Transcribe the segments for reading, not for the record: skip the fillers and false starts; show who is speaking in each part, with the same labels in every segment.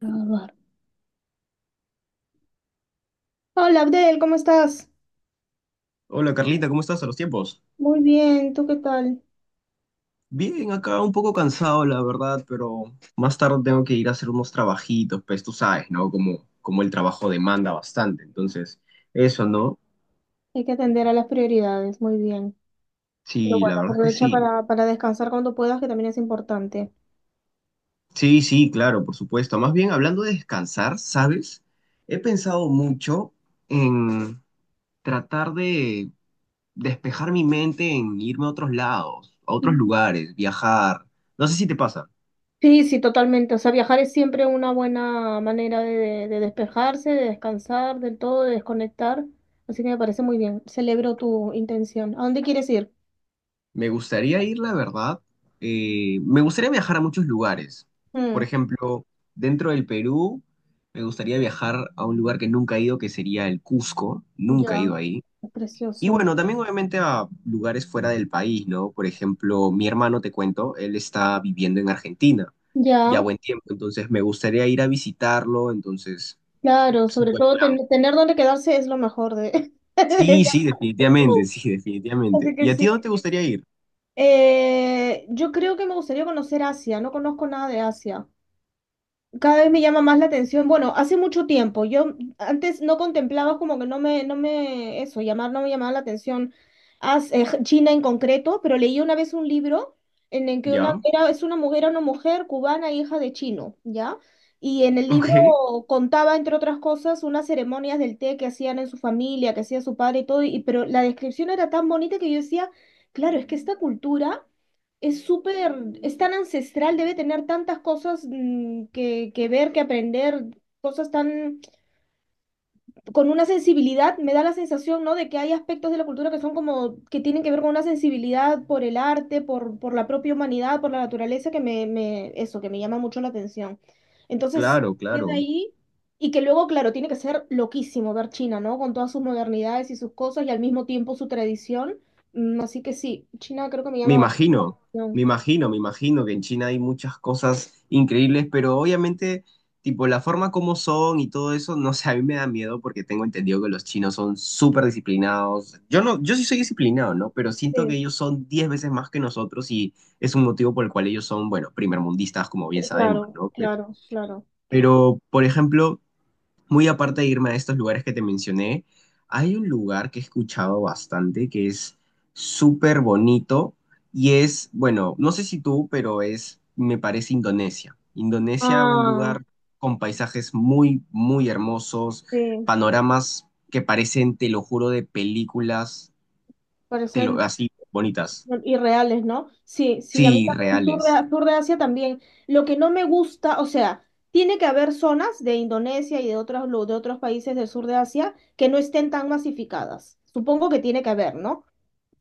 Speaker 1: Grabar. Hola, Abdel, ¿cómo estás?
Speaker 2: Hola Carlita, ¿cómo estás a los tiempos?
Speaker 1: Muy bien, ¿tú qué tal?
Speaker 2: Bien, acá un poco cansado, la verdad, pero más tarde tengo que ir a hacer unos trabajitos, pues tú sabes, ¿no? Como el trabajo demanda bastante, entonces, eso, ¿no?
Speaker 1: Hay que atender a las prioridades, muy bien. Pero
Speaker 2: Sí, la
Speaker 1: bueno,
Speaker 2: verdad es que
Speaker 1: aprovecha
Speaker 2: sí.
Speaker 1: para descansar cuando puedas, que también es importante.
Speaker 2: Sí, sí, claro, por supuesto. Más bien, hablando de descansar, ¿sabes? He pensado mucho en tratar de despejar mi mente en irme a otros lados, a otros
Speaker 1: Mm.
Speaker 2: lugares, viajar. No sé si te pasa.
Speaker 1: Sí, sí, totalmente. O sea, viajar es siempre una buena manera de despejarse, de descansar del todo, de desconectar. Así que me parece muy bien. Celebro tu intención. ¿A dónde quieres ir?
Speaker 2: Me gustaría ir, la verdad. Me gustaría viajar a muchos lugares. Por
Speaker 1: Mm,
Speaker 2: ejemplo, dentro del Perú, me gustaría viajar a un lugar que nunca he ido, que sería el Cusco. Nunca he
Speaker 1: ya,
Speaker 2: ido ahí.
Speaker 1: es
Speaker 2: Y
Speaker 1: precioso.
Speaker 2: bueno, también obviamente a lugares fuera del país, ¿no? Por ejemplo, mi hermano, te cuento, él está viviendo en Argentina ya
Speaker 1: Ya,
Speaker 2: buen tiempo, entonces me gustaría ir a visitarlo, entonces
Speaker 1: claro,
Speaker 2: es un
Speaker 1: sobre
Speaker 2: buen
Speaker 1: todo
Speaker 2: plan.
Speaker 1: tener dónde quedarse es lo mejor de, de viajar.
Speaker 2: Sí, sí, definitivamente, sí,
Speaker 1: Así
Speaker 2: definitivamente.
Speaker 1: que
Speaker 2: ¿Y a ti
Speaker 1: sí.
Speaker 2: dónde te gustaría ir?
Speaker 1: Yo creo que me gustaría conocer Asia, no conozco nada de Asia. Cada vez me llama más la atención. Bueno, hace mucho tiempo, yo antes no contemplaba como que no me llamaba la atención China en concreto, pero leí una vez un libro en el que una,
Speaker 2: ¿Ya?
Speaker 1: era, es una mujer, era una mujer cubana, hija de chino, ¿ya? Y en el libro
Speaker 2: Ok,
Speaker 1: contaba, entre otras cosas, unas ceremonias del té que hacían en su familia, que hacía su padre y todo, y, pero la descripción era tan bonita que yo decía, claro, es que esta cultura es súper, es tan ancestral, debe tener tantas cosas que ver, que aprender, cosas tan, con una sensibilidad, me da la sensación, ¿no? De que hay aspectos de la cultura que son como, que tienen que ver con una sensibilidad por el arte, por la propia humanidad, por la naturaleza, que me llama mucho la atención. Entonces,
Speaker 2: claro,
Speaker 1: desde
Speaker 2: claro.
Speaker 1: ahí, y que luego, claro, tiene que ser loquísimo ver China, ¿no? Con todas sus modernidades y sus cosas, y al mismo tiempo su tradición. Así que sí, China creo que me
Speaker 2: Me
Speaker 1: llama bastante
Speaker 2: imagino,
Speaker 1: la atención.
Speaker 2: me imagino, me imagino que en China hay muchas cosas increíbles, pero obviamente, tipo, la forma como son y todo eso, no sé, a mí me da miedo porque tengo entendido que los chinos son súper disciplinados. Yo no, yo sí soy disciplinado, ¿no? Pero siento que
Speaker 1: Sí.
Speaker 2: ellos son 10 veces más que nosotros y es un motivo por el cual ellos son, bueno, primermundistas, como bien sabemos,
Speaker 1: Claro,
Speaker 2: ¿no? Pero,
Speaker 1: claro, claro.
Speaker 2: pero, por ejemplo, muy aparte de irme a estos lugares que te mencioné, hay un lugar que he escuchado bastante que es súper bonito y es, bueno, no sé si tú, pero es, me parece Indonesia. Indonesia, un
Speaker 1: Ah,
Speaker 2: lugar con paisajes muy, muy hermosos,
Speaker 1: sí,
Speaker 2: panoramas que parecen, te lo juro, de películas, te
Speaker 1: parecen
Speaker 2: lo, así bonitas.
Speaker 1: irreales, ¿no? Sí, sí, a mí
Speaker 2: Sí,
Speaker 1: también,
Speaker 2: reales,
Speaker 1: sur de Asia también. Lo que no me gusta, o sea, tiene que haber zonas de Indonesia y de otros, de otros países del sur de Asia que no estén tan masificadas. Supongo que tiene que haber, ¿no?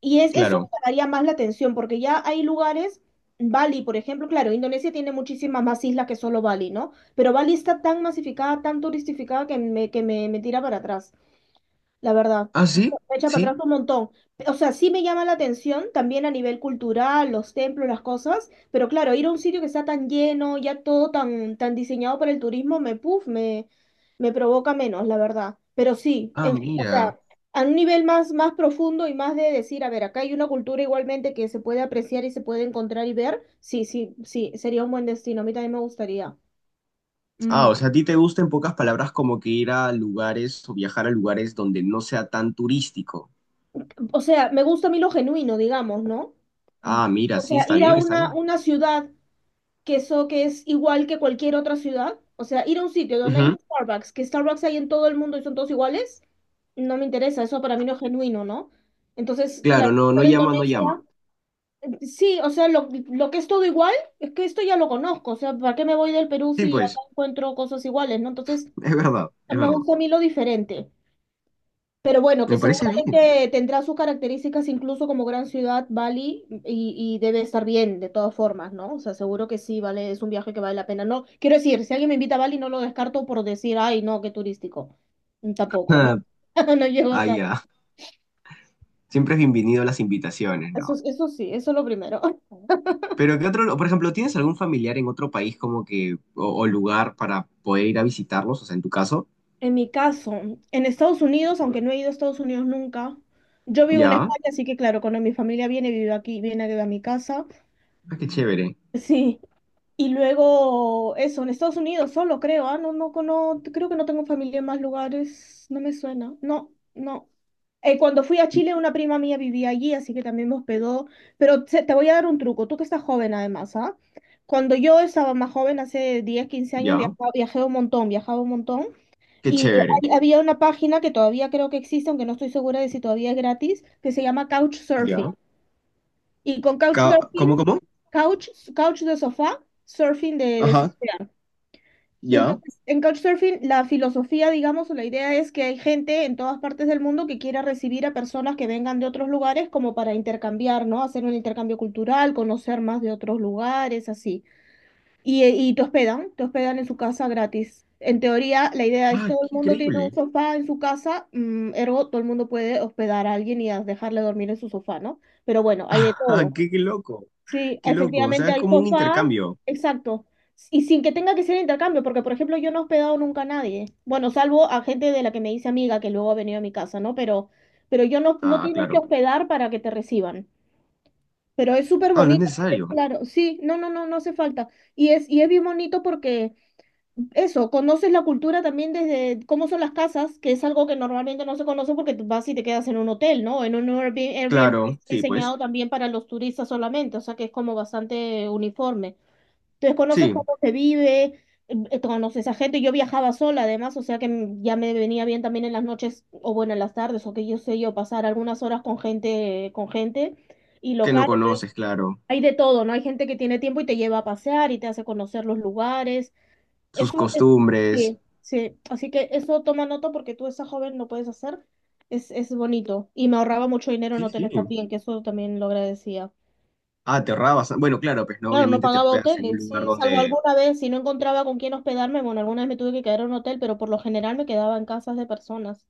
Speaker 1: Y es, eso
Speaker 2: claro.
Speaker 1: me daría más la atención, porque ya hay lugares, Bali, por ejemplo, claro, Indonesia tiene muchísimas más islas que solo Bali, ¿no? Pero Bali está tan masificada, tan turistificada me tira para atrás. La verdad,
Speaker 2: Ah, sí,
Speaker 1: me echa para
Speaker 2: sí.
Speaker 1: atrás un montón. O sea, sí me llama la atención también a nivel cultural, los templos, las cosas, pero claro, ir a un sitio que está tan lleno, ya todo tan, tan diseñado para el turismo, me, puf, me provoca menos, la verdad. Pero sí,
Speaker 2: Ah,
Speaker 1: o
Speaker 2: mira.
Speaker 1: sea, a un nivel más, más profundo y más de decir, a ver, acá hay una cultura igualmente que se puede apreciar y se puede encontrar y ver, sí, sí, sí, sería un buen destino, a mí también me gustaría.
Speaker 2: Ah,
Speaker 1: Mm.
Speaker 2: o sea, a ti te gusta en pocas palabras como que ir a lugares o viajar a lugares donde no sea tan turístico.
Speaker 1: O sea, me gusta a mí lo genuino, digamos, ¿no?
Speaker 2: Ah, mira,
Speaker 1: O
Speaker 2: sí,
Speaker 1: sea,
Speaker 2: está
Speaker 1: ir a
Speaker 2: bien, está bien.
Speaker 1: una ciudad que, eso, que es igual que cualquier otra ciudad, o sea, ir a un sitio donde hay
Speaker 2: Ujú.
Speaker 1: un Starbucks, que Starbucks hay en todo el mundo y son todos iguales, no me interesa, eso para mí no es genuino, ¿no? Entonces,
Speaker 2: Claro,
Speaker 1: claro,
Speaker 2: no, no
Speaker 1: por
Speaker 2: llama, no llama.
Speaker 1: Indonesia, sí, o sea, lo que es todo igual, es que esto ya lo conozco, o sea, ¿para qué me voy del Perú
Speaker 2: Sí,
Speaker 1: si acá
Speaker 2: pues,
Speaker 1: encuentro cosas iguales, ¿no? Entonces,
Speaker 2: es verdad, es
Speaker 1: me
Speaker 2: verdad.
Speaker 1: gusta a mí lo diferente. Pero bueno, que
Speaker 2: Me parece bien.
Speaker 1: seguramente tendrá sus características incluso como gran ciudad, Bali, y debe estar bien de todas formas, ¿no? O sea, seguro que sí, vale, es un viaje que vale la pena. No, quiero decir, si alguien me invita a Bali, no lo descarto por decir, ay, no, qué turístico. Tampoco, ¿no? No llego
Speaker 2: Ah,
Speaker 1: tanto.
Speaker 2: ya. Siempre es bienvenido a las invitaciones,
Speaker 1: Eso,
Speaker 2: ¿no?
Speaker 1: eso sí, eso es lo primero.
Speaker 2: Pero ¿qué otro, por ejemplo, tienes algún familiar en otro país como que, o lugar para poder ir a visitarlos? O sea, en tu caso,
Speaker 1: En mi caso, en Estados Unidos, aunque no he ido a Estados Unidos nunca, yo vivo en
Speaker 2: ya.
Speaker 1: España, así que claro, cuando mi familia viene, vive aquí, viene a mi casa.
Speaker 2: Ah, qué chévere.
Speaker 1: Sí. Y luego, eso, en Estados Unidos solo creo, ah, no, no, no, creo que no tengo familia en más lugares, no me suena, no, no. Cuando fui a Chile, una prima mía vivía allí, así que también me hospedó, pero te voy a dar un truco, tú que estás joven además, ¿ah? Cuando yo estaba más joven, hace 10 15 años,
Speaker 2: Ya.
Speaker 1: viajaba, viajé un montón, viajaba un montón,
Speaker 2: Qué
Speaker 1: y
Speaker 2: chévere.
Speaker 1: había una página que todavía creo que existe, aunque no estoy segura de si todavía es gratis, que se llama Couchsurfing,
Speaker 2: Ya.
Speaker 1: y con Couchsurfing,
Speaker 2: ¿Cómo, cómo?
Speaker 1: couch, couch de sofá, surfing de
Speaker 2: Ajá.
Speaker 1: surfear.
Speaker 2: Ya.
Speaker 1: Entonces, en Couchsurfing, la filosofía, digamos, o la idea es que hay gente en todas partes del mundo que quiera recibir a personas que vengan de otros lugares como para intercambiar, ¿no? Hacer un intercambio cultural, conocer más de otros lugares, así. Y te hospedan en su casa gratis. En teoría, la idea es
Speaker 2: Ah,
Speaker 1: todo el
Speaker 2: qué
Speaker 1: mundo tiene un
Speaker 2: increíble.
Speaker 1: sofá en su casa, ergo, todo el mundo puede hospedar a alguien y dejarle dormir en su sofá, ¿no? Pero bueno, hay de
Speaker 2: Ah,
Speaker 1: todo.
Speaker 2: qué loco.
Speaker 1: Sí,
Speaker 2: Qué loco. O sea,
Speaker 1: efectivamente
Speaker 2: es
Speaker 1: al
Speaker 2: como un
Speaker 1: sofá,
Speaker 2: intercambio.
Speaker 1: exacto. Y sin que tenga que ser intercambio, porque por ejemplo yo no he hospedado nunca a nadie. Bueno, salvo a gente de la que me dice amiga que luego ha venido a mi casa, ¿no? Pero yo no, no
Speaker 2: Ah,
Speaker 1: tienes que
Speaker 2: claro.
Speaker 1: hospedar para que te reciban. Pero es súper
Speaker 2: Ah, no es
Speaker 1: bonito, porque,
Speaker 2: necesario.
Speaker 1: claro, sí, no, no, no, no hace falta. Y es bien bonito porque eso, conoces la cultura también desde cómo son las casas, que es algo que normalmente no se conoce porque tú vas y te quedas en un hotel, ¿no? En un Airbnb, Airbnb que
Speaker 2: Claro,
Speaker 1: está
Speaker 2: sí, pues.
Speaker 1: diseñado también para los turistas solamente, o sea que es como bastante uniforme. Entonces conoces
Speaker 2: Sí,
Speaker 1: cómo se vive, conoces a gente. Yo viajaba sola además, o sea que ya me venía bien también en las noches o bueno, en las tardes, o que yo sé yo pasar algunas horas con gente y
Speaker 2: que no
Speaker 1: local.
Speaker 2: conoces, claro.
Speaker 1: Hay de todo, ¿no? Hay gente que tiene tiempo y te lleva a pasear y te hace conocer los lugares.
Speaker 2: Sus
Speaker 1: Eso es,
Speaker 2: costumbres.
Speaker 1: sí, sí. Así que eso toma nota porque tú, esa joven, lo puedes hacer. Es bonito. Y me ahorraba mucho dinero en
Speaker 2: Sí, sí.
Speaker 1: hoteles también, que eso también lo agradecía.
Speaker 2: Ah, te ahorrabas. Bueno, claro, pues no,
Speaker 1: Claro, no
Speaker 2: obviamente te
Speaker 1: pagaba
Speaker 2: hospedas en un
Speaker 1: hoteles,
Speaker 2: lugar
Speaker 1: sí, salvo
Speaker 2: donde.
Speaker 1: alguna vez, si no encontraba con quién hospedarme, bueno, alguna vez me tuve que quedar en un hotel, pero por lo general me quedaba en casas de personas.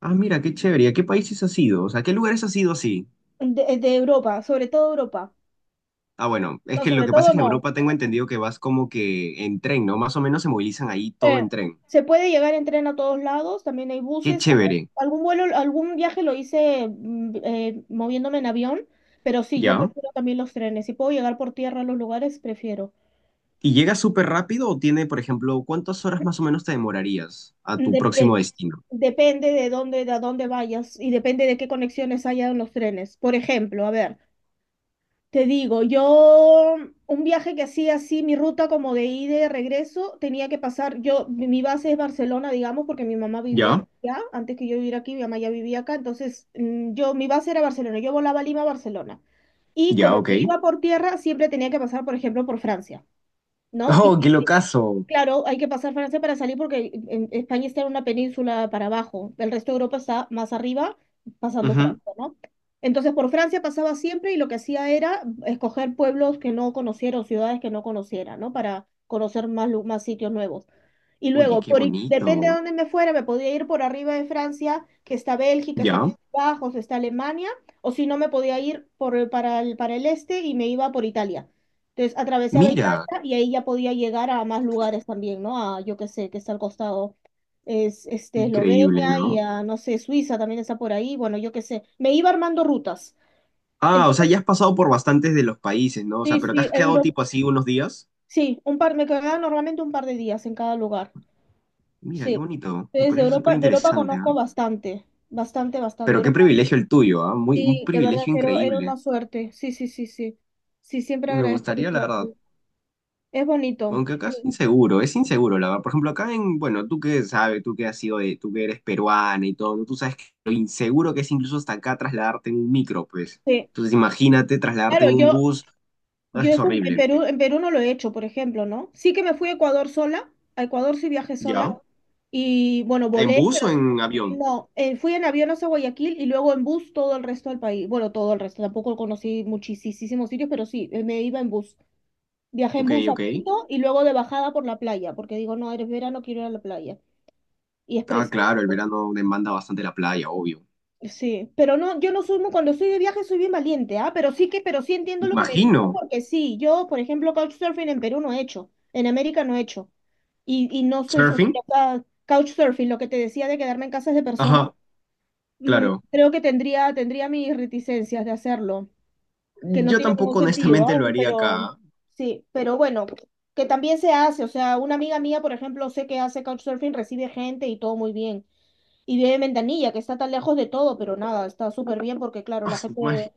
Speaker 2: Ah, mira, qué chévere. ¿A qué países has ido? O sea, ¿qué lugares has ido así?
Speaker 1: De Europa, sobre todo Europa.
Speaker 2: Ah, bueno, es
Speaker 1: No,
Speaker 2: que lo
Speaker 1: sobre
Speaker 2: que pasa
Speaker 1: todo
Speaker 2: es que en
Speaker 1: no.
Speaker 2: Europa tengo entendido que vas como que en tren, ¿no? Más o menos se movilizan ahí todo en
Speaker 1: eh,
Speaker 2: tren.
Speaker 1: Se puede llegar en tren a todos lados, también hay
Speaker 2: Qué
Speaker 1: buses, también
Speaker 2: chévere.
Speaker 1: algún vuelo, algún viaje lo hice moviéndome en avión, pero sí, yo
Speaker 2: ¿Ya?
Speaker 1: prefiero también los trenes. Si puedo llegar por tierra a los lugares, prefiero.
Speaker 2: ¿Y llegas súper rápido o tiene, por ejemplo, cuántas horas más o menos te demorarías a tu
Speaker 1: Dep- de-
Speaker 2: próximo destino?
Speaker 1: Depende de dónde, de a dónde vayas y depende de qué conexiones haya en los trenes. Por ejemplo, a ver. Te digo, yo un viaje que hacía así, mi ruta como de ida y de regreso, tenía que pasar, yo, mi base es Barcelona, digamos, porque mi mamá vivía
Speaker 2: ¿Ya?
Speaker 1: allá, antes que yo viviera aquí, mi mamá ya vivía acá, entonces yo, mi base era Barcelona, yo volaba Lima a Barcelona. Y
Speaker 2: ¿Ya?
Speaker 1: como
Speaker 2: Ok.
Speaker 1: me iba por tierra, siempre tenía que pasar, por ejemplo, por Francia. ¿No? Y
Speaker 2: Oh, qué
Speaker 1: y,
Speaker 2: locazo.
Speaker 1: claro, hay que pasar Francia para salir porque España está en una península para abajo, el resto de Europa está más arriba, pasando
Speaker 2: Ujú.
Speaker 1: Francia, ¿no? Entonces por Francia pasaba siempre y lo que hacía era escoger pueblos que no conociera o ciudades que no conociera, ¿no? Para conocer más, más sitios nuevos. Y
Speaker 2: Oye,
Speaker 1: luego,
Speaker 2: qué
Speaker 1: por, depende de
Speaker 2: bonito.
Speaker 1: dónde me fuera, me podía ir por arriba de Francia, que está Bélgica, está
Speaker 2: ¿Ya?
Speaker 1: Países Bajos, está Alemania, o si no, me podía ir por, para el este y me iba por Italia. Entonces, atravesaba Italia
Speaker 2: Mira,
Speaker 1: y ahí ya podía llegar a más lugares también, ¿no? A, yo qué sé, que está al costado, es este, Eslovenia
Speaker 2: increíble,
Speaker 1: y
Speaker 2: ¿no?
Speaker 1: a, no sé, Suiza también está por ahí, bueno, yo qué sé. Me iba armando rutas.
Speaker 2: Ah, o sea,
Speaker 1: Entonces,
Speaker 2: ya has pasado por bastantes de los países, ¿no? O
Speaker 1: sí,
Speaker 2: sea, pero te
Speaker 1: sí,
Speaker 2: has quedado
Speaker 1: Europa,
Speaker 2: tipo así unos días.
Speaker 1: sí, un par, me quedaba normalmente un par de días en cada lugar.
Speaker 2: Mira, qué
Speaker 1: Sí,
Speaker 2: bonito. Me
Speaker 1: desde
Speaker 2: parece súper
Speaker 1: Europa, de Europa
Speaker 2: interesante, ¿ah?
Speaker 1: conozco bastante, bastante, bastante.
Speaker 2: Pero qué
Speaker 1: Europa,
Speaker 2: privilegio el tuyo, ¿ah? Muy, un
Speaker 1: sí, de verdad
Speaker 2: privilegio
Speaker 1: que era, era
Speaker 2: increíble.
Speaker 1: una suerte. Sí, sí, sí, sí. Sí, siempre
Speaker 2: Me
Speaker 1: agradezco
Speaker 2: gustaría, la verdad.
Speaker 1: visitarte. Es bonito.
Speaker 2: Aunque acá
Speaker 1: Sí,
Speaker 2: es inseguro, la verdad. Por ejemplo, acá en, bueno, tú que sabes, tú que has sido, tú que eres peruana y todo, ¿no? Tú sabes que lo inseguro que es incluso hasta acá trasladarte en un micro, pues.
Speaker 1: sí.
Speaker 2: Entonces, imagínate trasladarte
Speaker 1: Claro,
Speaker 2: en un
Speaker 1: yo,
Speaker 2: bus, no,
Speaker 1: yo
Speaker 2: es
Speaker 1: eso
Speaker 2: horrible.
Speaker 1: En Perú no lo he hecho, por ejemplo, ¿no? Sí que me fui a Ecuador sola, a Ecuador sí viajé sola
Speaker 2: ¿Ya?
Speaker 1: y bueno,
Speaker 2: ¿En
Speaker 1: volé,
Speaker 2: bus
Speaker 1: pero
Speaker 2: o en avión?
Speaker 1: no, fui en avión hasta Guayaquil y luego en bus todo el resto del país. Bueno, todo el resto, tampoco conocí muchísimos sitios, pero sí, me iba en bus. Viajé en
Speaker 2: Ok,
Speaker 1: bus a
Speaker 2: ok.
Speaker 1: Quito y luego de bajada por la playa, porque digo, no, eres verano, quiero ir a la playa. Y es
Speaker 2: Ah, claro, el
Speaker 1: precioso,
Speaker 2: verano demanda bastante la playa, obvio.
Speaker 1: sí. Pero no, yo no soy muy, cuando estoy de viaje soy bien valiente, ¿ah? Pero sí que, pero sí entiendo
Speaker 2: Me
Speaker 1: lo que me dices,
Speaker 2: imagino.
Speaker 1: porque sí, yo, por ejemplo, couchsurfing en Perú no he hecho, en América no he hecho. Y no estoy segura,
Speaker 2: ¿Surfing?
Speaker 1: o sea, couchsurfing, lo que te decía de quedarme en casas de personas,
Speaker 2: Ajá, claro.
Speaker 1: creo que tendría, tendría mis reticencias de hacerlo. Que no
Speaker 2: Yo
Speaker 1: tiene ningún
Speaker 2: tampoco
Speaker 1: sentido,
Speaker 2: honestamente
Speaker 1: ah.
Speaker 2: lo haría
Speaker 1: Pero
Speaker 2: acá.
Speaker 1: sí, pero bueno, que también se hace, o sea, una amiga mía, por ejemplo, sé que hace couchsurfing, recibe gente y todo muy bien. Y vive en Ventanilla, que está tan lejos de todo, pero nada, está súper bien porque, claro, la gente...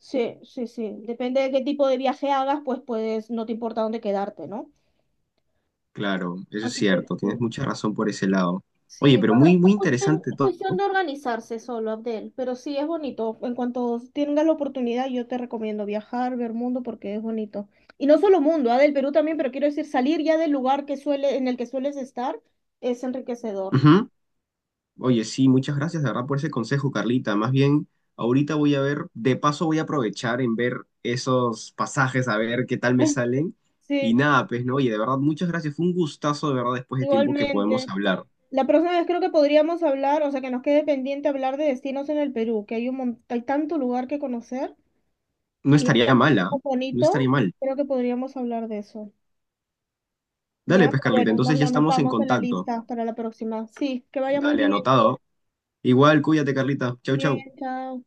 Speaker 1: Sí, sí, sí. Depende de qué tipo de viaje hagas, pues puedes, no te importa dónde quedarte, ¿no?
Speaker 2: Claro, eso es
Speaker 1: Así que
Speaker 2: cierto, tienes
Speaker 1: sí.
Speaker 2: mucha razón por ese lado. Oye,
Speaker 1: Sí,
Speaker 2: pero muy,
Speaker 1: bueno,
Speaker 2: muy interesante
Speaker 1: es
Speaker 2: todo.
Speaker 1: cuestión de organizarse solo, Abdel, pero sí es bonito. En cuanto tengas la oportunidad, yo te recomiendo viajar, ver mundo, porque es bonito. Y no solo mundo, ah, del Perú también, pero quiero decir, salir ya del lugar que suele, en el que sueles estar es enriquecedor.
Speaker 2: Ujú. Oye, sí, muchas gracias, de verdad, por ese consejo, Carlita. Más bien, ahorita voy a ver, de paso voy a aprovechar en ver esos pasajes, a ver qué tal me salen. Y
Speaker 1: Sí,
Speaker 2: nada, pues no, oye, de verdad, muchas gracias. Fue un gustazo, de verdad, después de tiempo que podemos
Speaker 1: igualmente.
Speaker 2: hablar.
Speaker 1: La próxima vez creo que podríamos hablar, o sea, que nos quede pendiente hablar de destinos en el Perú, que hay un hay tanto lugar que conocer
Speaker 2: No
Speaker 1: y es
Speaker 2: estaría mal, ¿ah?
Speaker 1: tan
Speaker 2: No estaría
Speaker 1: bonito,
Speaker 2: mal.
Speaker 1: creo que podríamos hablar de eso.
Speaker 2: Dale,
Speaker 1: Ya,
Speaker 2: pues,
Speaker 1: pero
Speaker 2: Carlita,
Speaker 1: bueno, nos
Speaker 2: entonces ya
Speaker 1: lo
Speaker 2: estamos en
Speaker 1: anotamos en la
Speaker 2: contacto.
Speaker 1: lista para la próxima. Sí, que vaya muy
Speaker 2: Dale,
Speaker 1: bien.
Speaker 2: anotado. Igual, cuídate, Carlita. Chau,
Speaker 1: Bien,
Speaker 2: chau.
Speaker 1: chao.